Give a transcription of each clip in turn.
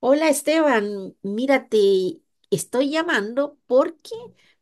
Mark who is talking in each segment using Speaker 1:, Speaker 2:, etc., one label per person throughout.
Speaker 1: Hola Esteban, mira, te estoy llamando porque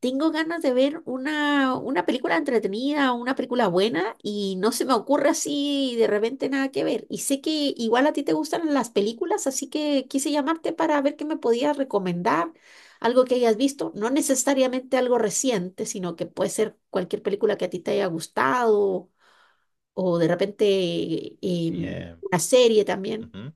Speaker 1: tengo ganas de ver una película entretenida, una película buena y no se me ocurre así de repente nada que ver. Y sé que igual a ti te gustan las películas, así que quise llamarte para ver qué me podías recomendar, algo que hayas visto, no necesariamente algo reciente, sino que puede ser cualquier película que a ti te haya gustado o de repente eh,
Speaker 2: Bien,
Speaker 1: una serie también.
Speaker 2: ujú,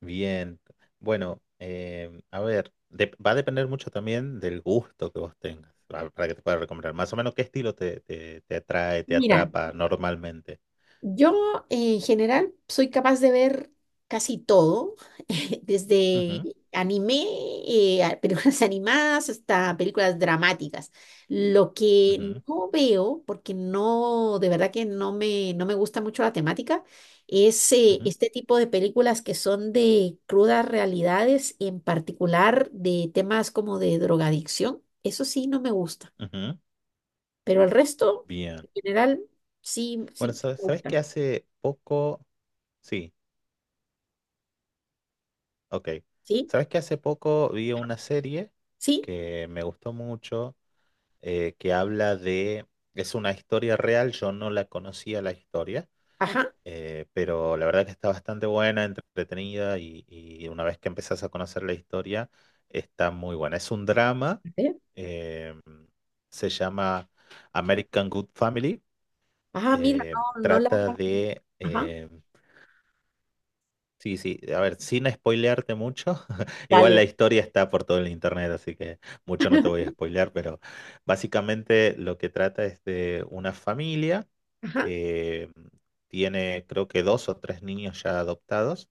Speaker 2: bien. Bueno, a ver, va a depender mucho también del gusto que vos tengas para, que te pueda recomendar. Más o menos, ¿qué estilo te atrae, te
Speaker 1: Mira.
Speaker 2: atrapa normalmente?
Speaker 1: Yo en general soy capaz de ver casi todo, desde
Speaker 2: Ujú,
Speaker 1: anime, películas animadas hasta películas dramáticas. Lo que
Speaker 2: ujú,
Speaker 1: no veo, porque no, de verdad que no me gusta mucho la temática, es
Speaker 2: ujú,
Speaker 1: este tipo de películas que son de crudas realidades, en particular de temas como de drogadicción. Eso sí no me gusta,
Speaker 2: ujú.
Speaker 1: pero el resto,
Speaker 2: Bien.
Speaker 1: en general, sí, sí
Speaker 2: Bueno,
Speaker 1: me
Speaker 2: ¿sabes
Speaker 1: gusta,
Speaker 2: que hace poco? Sí, ok.
Speaker 1: ¿sí?
Speaker 2: ¿Sabes que hace poco vi una serie
Speaker 1: Sí,
Speaker 2: que me gustó mucho, que habla de... Es una historia real, yo no la conocía la historia.
Speaker 1: ajá. A
Speaker 2: Pero la verdad que está bastante buena, entretenida y una vez que empezás a conocer la historia, está muy buena. Es un drama,
Speaker 1: ver.
Speaker 2: eh, se llama American Good Family,
Speaker 1: Ah, mira, no, no la.
Speaker 2: trata de,
Speaker 1: Ajá.
Speaker 2: sí, sí, a ver, sin spoilearte mucho, igual la
Speaker 1: Dale.
Speaker 2: historia está por todo el internet, así que mucho no te voy a spoilear, pero básicamente lo que trata es de una familia
Speaker 1: Ajá.
Speaker 2: que tiene creo que dos o tres niños ya adoptados,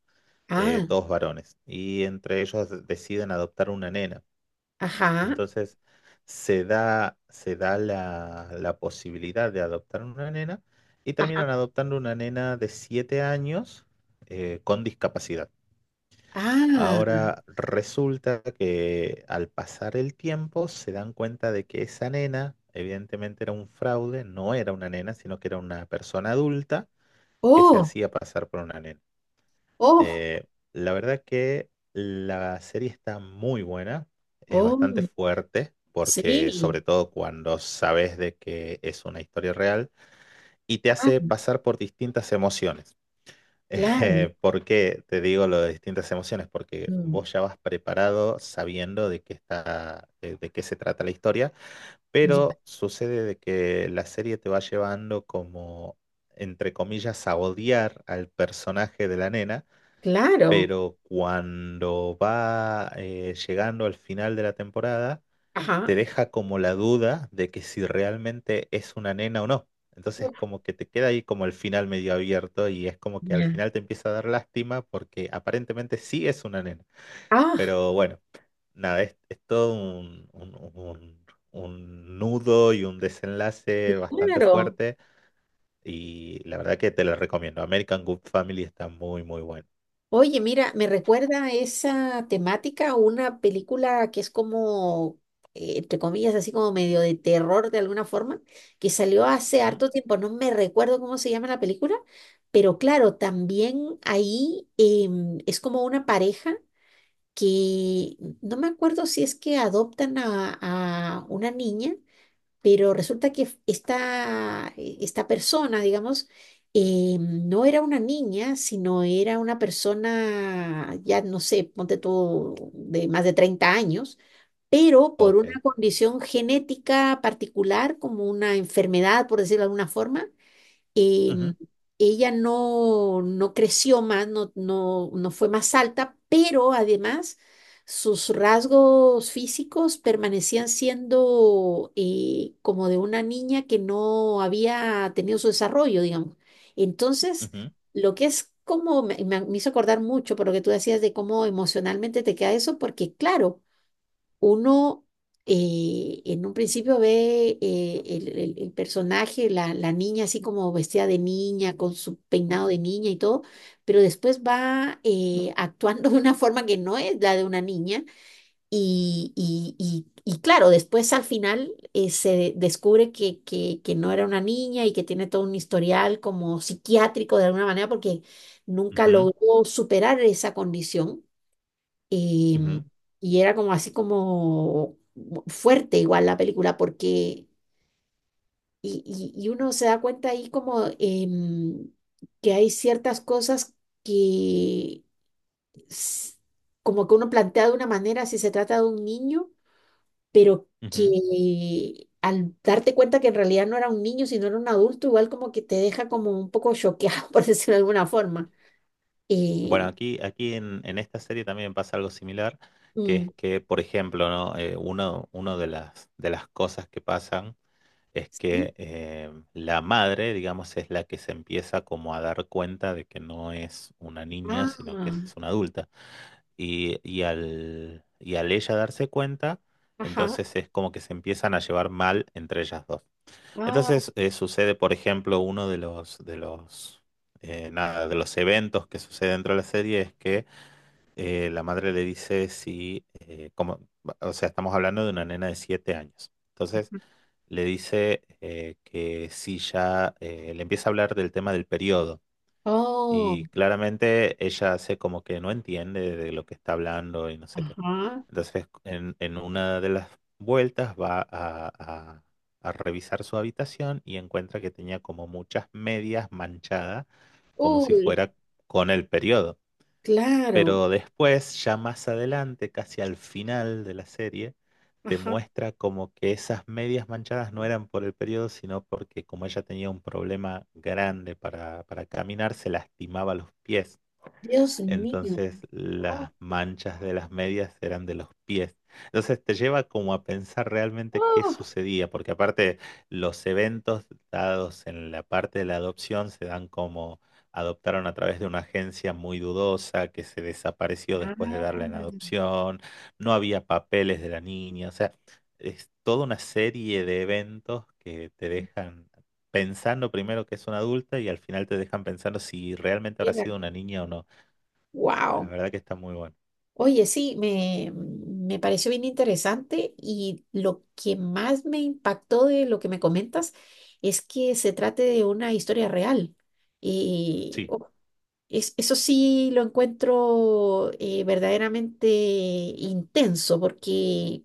Speaker 1: Ah,
Speaker 2: todos varones, y entre ellos deciden adoptar una nena.
Speaker 1: ajá.
Speaker 2: Entonces se da la posibilidad de adoptar una nena y
Speaker 1: Ajá.
Speaker 2: terminan adoptando una nena de 7 años, con discapacidad.
Speaker 1: Ah.
Speaker 2: Ahora resulta que al pasar el tiempo se dan cuenta de que esa nena evidentemente era un fraude, no era una nena, sino que era una persona adulta que se
Speaker 1: Oh,
Speaker 2: hacía pasar por una nena.
Speaker 1: oh,
Speaker 2: Eh, la verdad que la serie está muy buena, es bastante
Speaker 1: oh.
Speaker 2: fuerte, porque
Speaker 1: Sí.
Speaker 2: sobre todo cuando sabes de que es una historia real y te
Speaker 1: Ah,
Speaker 2: hace pasar por distintas emociones.
Speaker 1: claro.
Speaker 2: ¿Por qué te digo lo de distintas emociones? Porque
Speaker 1: Mm,
Speaker 2: vos ya vas preparado sabiendo de qué está, de qué se trata la historia,
Speaker 1: ya,
Speaker 2: pero sucede de que la serie te va llevando como, entre comillas, a odiar al personaje de la nena,
Speaker 1: claro.
Speaker 2: pero cuando va llegando al final de la temporada te
Speaker 1: Ajá.
Speaker 2: deja como la duda de que si realmente es una nena o no. Entonces
Speaker 1: Uf,
Speaker 2: como que te queda ahí como el final medio abierto y es como que al
Speaker 1: ya.
Speaker 2: final te empieza a dar lástima porque aparentemente sí es una nena.
Speaker 1: Ah,
Speaker 2: Pero bueno, nada, es todo un nudo y un desenlace bastante
Speaker 1: claro.
Speaker 2: fuerte y la verdad que te lo recomiendo. American Good Family está muy, muy bueno.
Speaker 1: Oye, mira, me recuerda a esa temática una película que es como, entre comillas, así como medio de terror de alguna forma, que salió hace
Speaker 2: Ujú.
Speaker 1: harto tiempo. No me recuerdo cómo se llama la película, pero claro, también ahí es como una pareja que no me acuerdo si es que adoptan a una niña, pero resulta que esta, esta persona, digamos, no era una niña, sino era una persona, ya no sé, ponte tú, de más de 30 años, pero por una
Speaker 2: Ok.
Speaker 1: condición genética particular, como una enfermedad, por decirlo de alguna forma, em,
Speaker 2: Ujú,
Speaker 1: ella no creció más, no fue más alta, pero además sus rasgos físicos permanecían siendo como de una niña que no había tenido su desarrollo, digamos. Entonces,
Speaker 2: ujú,
Speaker 1: lo que es como, me hizo acordar mucho por lo que tú decías de cómo emocionalmente te queda eso, porque claro, uno en un principio ve el personaje, la niña así como vestida de niña, con su peinado de niña y todo, pero después va actuando de una forma que no es la de una niña y claro, después al final se descubre que no era una niña y que tiene todo un historial como psiquiátrico de alguna manera porque nunca
Speaker 2: ujú,
Speaker 1: logró superar esa condición. Y,
Speaker 2: ujú,
Speaker 1: y era como así como fuerte igual la película, porque y uno se da cuenta ahí como que hay ciertas cosas que s- como que uno plantea de una manera si se trata de un niño, pero
Speaker 2: ujú. Ujú.
Speaker 1: que al darte cuenta que en realidad no era un niño, sino era un adulto, igual como que te deja como un poco choqueado, por decirlo de alguna forma.
Speaker 2: Bueno,
Speaker 1: Eh,
Speaker 2: aquí en esta serie también pasa algo similar, que
Speaker 1: mm,
Speaker 2: es que, por ejemplo, ¿no? Uno de las cosas que pasan es
Speaker 1: sí.
Speaker 2: que la madre, digamos, es la que se empieza como a dar cuenta de que no es una niña, sino que
Speaker 1: Ah,
Speaker 2: es una adulta. Y, y al ella darse cuenta,
Speaker 1: ajá.
Speaker 2: entonces es como que se empiezan a llevar mal entre ellas dos.
Speaker 1: Ah.
Speaker 2: Entonces sucede, por ejemplo, uno de los nada, de los eventos que sucede dentro de la serie es que la madre le dice si como, o sea, estamos hablando de una nena de 7 años. Entonces le dice que si ya le empieza a hablar del tema del periodo
Speaker 1: Oh,
Speaker 2: y claramente ella hace como que no entiende de lo que está hablando y no sé qué.
Speaker 1: ajá.
Speaker 2: Entonces, en una de las vueltas va a revisar su habitación y encuentra que tenía como muchas medias manchadas, como si
Speaker 1: Uy,
Speaker 2: fuera con el periodo.
Speaker 1: claro.
Speaker 2: Pero después, ya más adelante, casi al final de la serie, te
Speaker 1: Ajá.
Speaker 2: muestra como que esas medias manchadas no eran por el periodo, sino porque como ella tenía un problema grande para caminar, se lastimaba los pies.
Speaker 1: Dios mío.
Speaker 2: Entonces
Speaker 1: Oh,
Speaker 2: las manchas de las medias eran de los pies. Entonces te lleva como a pensar realmente qué
Speaker 1: oh.
Speaker 2: sucedía, porque aparte los eventos dados en la parte de la adopción se dan como adoptaron a través de una agencia muy dudosa que se desapareció después de
Speaker 1: Ah,
Speaker 2: darla en adopción, no había papeles de la niña, o sea, es toda una serie de eventos que te dejan pensando primero que es una adulta y al final te dejan pensando si realmente habrá
Speaker 1: mira.
Speaker 2: sido una niña o no. La
Speaker 1: Wow.
Speaker 2: verdad que está muy bueno.
Speaker 1: Oye, sí, me pareció bien interesante y lo que más me impactó de lo que me comentas es que se trate de una historia real. Y
Speaker 2: Sí,
Speaker 1: oh, eso sí lo encuentro verdaderamente intenso porque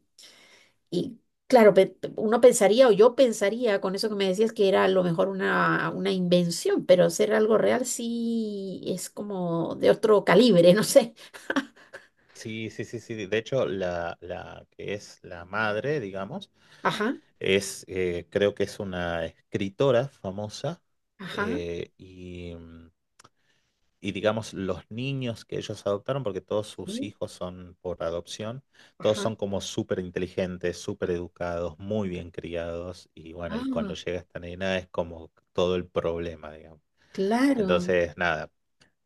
Speaker 1: y claro, uno pensaría o yo pensaría con eso que me decías que era a lo mejor una invención, pero ser algo real sí es como de otro calibre, no sé.
Speaker 2: sí, sí, sí, sí. De hecho, la que es la madre, digamos,
Speaker 1: Ajá,
Speaker 2: es, creo que es una escritora famosa
Speaker 1: ajá,
Speaker 2: y, y, digamos, los niños que ellos adoptaron, porque todos sus
Speaker 1: sí,
Speaker 2: hijos son por adopción, todos
Speaker 1: ajá.
Speaker 2: son como súper inteligentes, súper educados, muy bien criados y bueno, y cuando
Speaker 1: Ah,
Speaker 2: llega esta nena es como todo el problema, digamos.
Speaker 1: claro,
Speaker 2: Entonces, nada,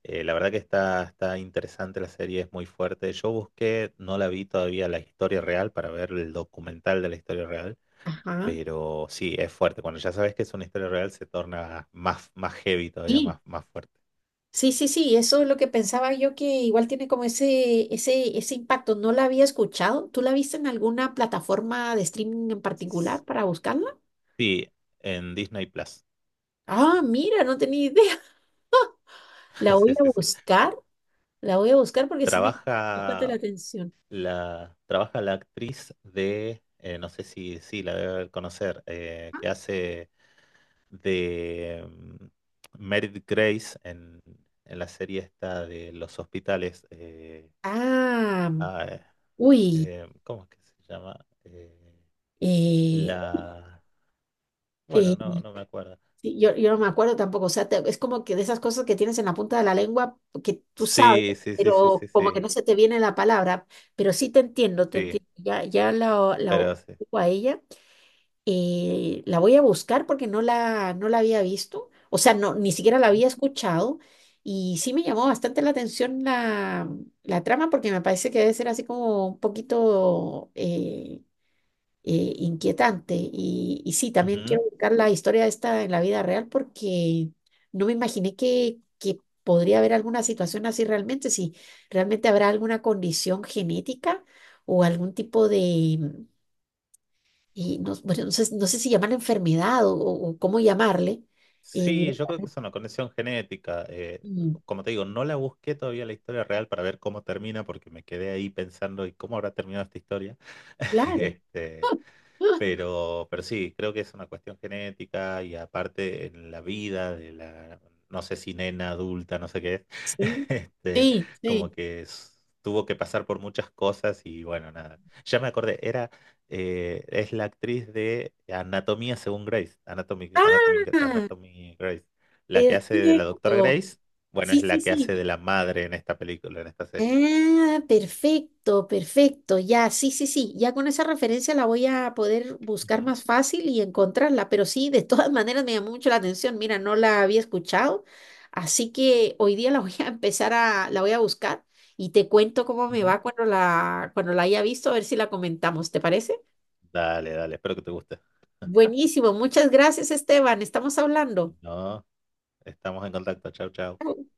Speaker 2: La verdad que está, está interesante la serie, es muy fuerte. Yo busqué, no la vi todavía la historia real para ver el documental de la historia real,
Speaker 1: ajá.
Speaker 2: pero sí, es fuerte. Cuando ya sabes que es una historia real, se torna más, más heavy todavía,
Speaker 1: Sí.
Speaker 2: más, más fuerte.
Speaker 1: Sí, sí, sí, eso es lo que pensaba yo que igual tiene como ese impacto. No la había escuchado. ¿Tú la viste en alguna plataforma de streaming en particular para buscarla?
Speaker 2: Sí, en Disney Plus.
Speaker 1: Ah, mira, no tenía idea. La voy
Speaker 2: Sí,
Speaker 1: a
Speaker 2: sí, sí.
Speaker 1: buscar. La voy a buscar porque sí me llama bastante la
Speaker 2: Trabaja
Speaker 1: atención.
Speaker 2: trabaja la actriz de, no sé si, sí, la debe conocer, que hace de Meredith Grace en la serie esta de los hospitales.
Speaker 1: Ah,
Speaker 2: Ah, eh,
Speaker 1: uy,
Speaker 2: ¿Cómo es que se llama? Eh,
Speaker 1: eh,
Speaker 2: la...
Speaker 1: eh,
Speaker 2: Bueno, no, no me acuerdo.
Speaker 1: sí, yo no me acuerdo tampoco, o sea, es como que de esas cosas que tienes en la punta de la lengua que tú sabes,
Speaker 2: Sí, sí, sí, sí,
Speaker 1: pero
Speaker 2: sí,
Speaker 1: como que
Speaker 2: sí,
Speaker 1: no se te viene la palabra, pero sí te
Speaker 2: sí,
Speaker 1: entiendo, ya, ya la
Speaker 2: pero sí.
Speaker 1: ubico a ella. La voy a buscar porque no la había visto, o sea, no, ni siquiera la
Speaker 2: ¿Mm?
Speaker 1: había escuchado y sí me llamó bastante la atención la, la trama porque me parece que debe ser así como un poquito inquietante y sí, también
Speaker 2: Ujú.
Speaker 1: quiero buscar la historia esta en la vida real porque no me imaginé que podría haber alguna situación así realmente, si realmente habrá alguna condición genética o algún tipo de, y no, bueno, no sé, no sé si llaman enfermedad o cómo llamarle. Mira,
Speaker 2: Sí, yo creo que es una conexión genética.
Speaker 1: mm,
Speaker 2: Como te digo, no la busqué todavía la historia real para ver cómo termina, porque me quedé ahí pensando, ¿y cómo habrá terminado esta historia?
Speaker 1: claro.
Speaker 2: Este,
Speaker 1: Ah,
Speaker 2: pero sí, creo que es una cuestión genética y aparte en la vida de la, no sé si nena adulta, no sé qué es,
Speaker 1: sí,
Speaker 2: este,
Speaker 1: sí,
Speaker 2: como
Speaker 1: sí.
Speaker 2: que tuvo que pasar por muchas cosas y bueno, nada. Ya me acordé, era, es la actriz de Anatomía según Grace, Anatomy, Anatomy,
Speaker 1: Ah,
Speaker 2: Anatomy Grace, la que hace de la doctora
Speaker 1: perfecto.
Speaker 2: Grace, bueno,
Speaker 1: Sí,
Speaker 2: es la
Speaker 1: sí,
Speaker 2: que
Speaker 1: sí.
Speaker 2: hace de la madre en esta película, en esta serie.
Speaker 1: Ah, perfecto, perfecto. Ya, sí, sí, sí. Ya con esa referencia la voy a poder buscar
Speaker 2: Ujú,
Speaker 1: más fácil y encontrarla. Pero sí, de todas maneras me llamó mucho la atención. Mira, no la había escuchado. Así que hoy día la voy a empezar a, la voy a buscar y te cuento cómo me
Speaker 2: ujú.
Speaker 1: va cuando la haya visto, a ver si la comentamos. ¿Te parece?
Speaker 2: Dale, dale, espero que te guste.
Speaker 1: Buenísimo. Muchas gracias, Esteban. Estamos hablando.
Speaker 2: No, estamos en contacto, chau, chau.
Speaker 1: Chao.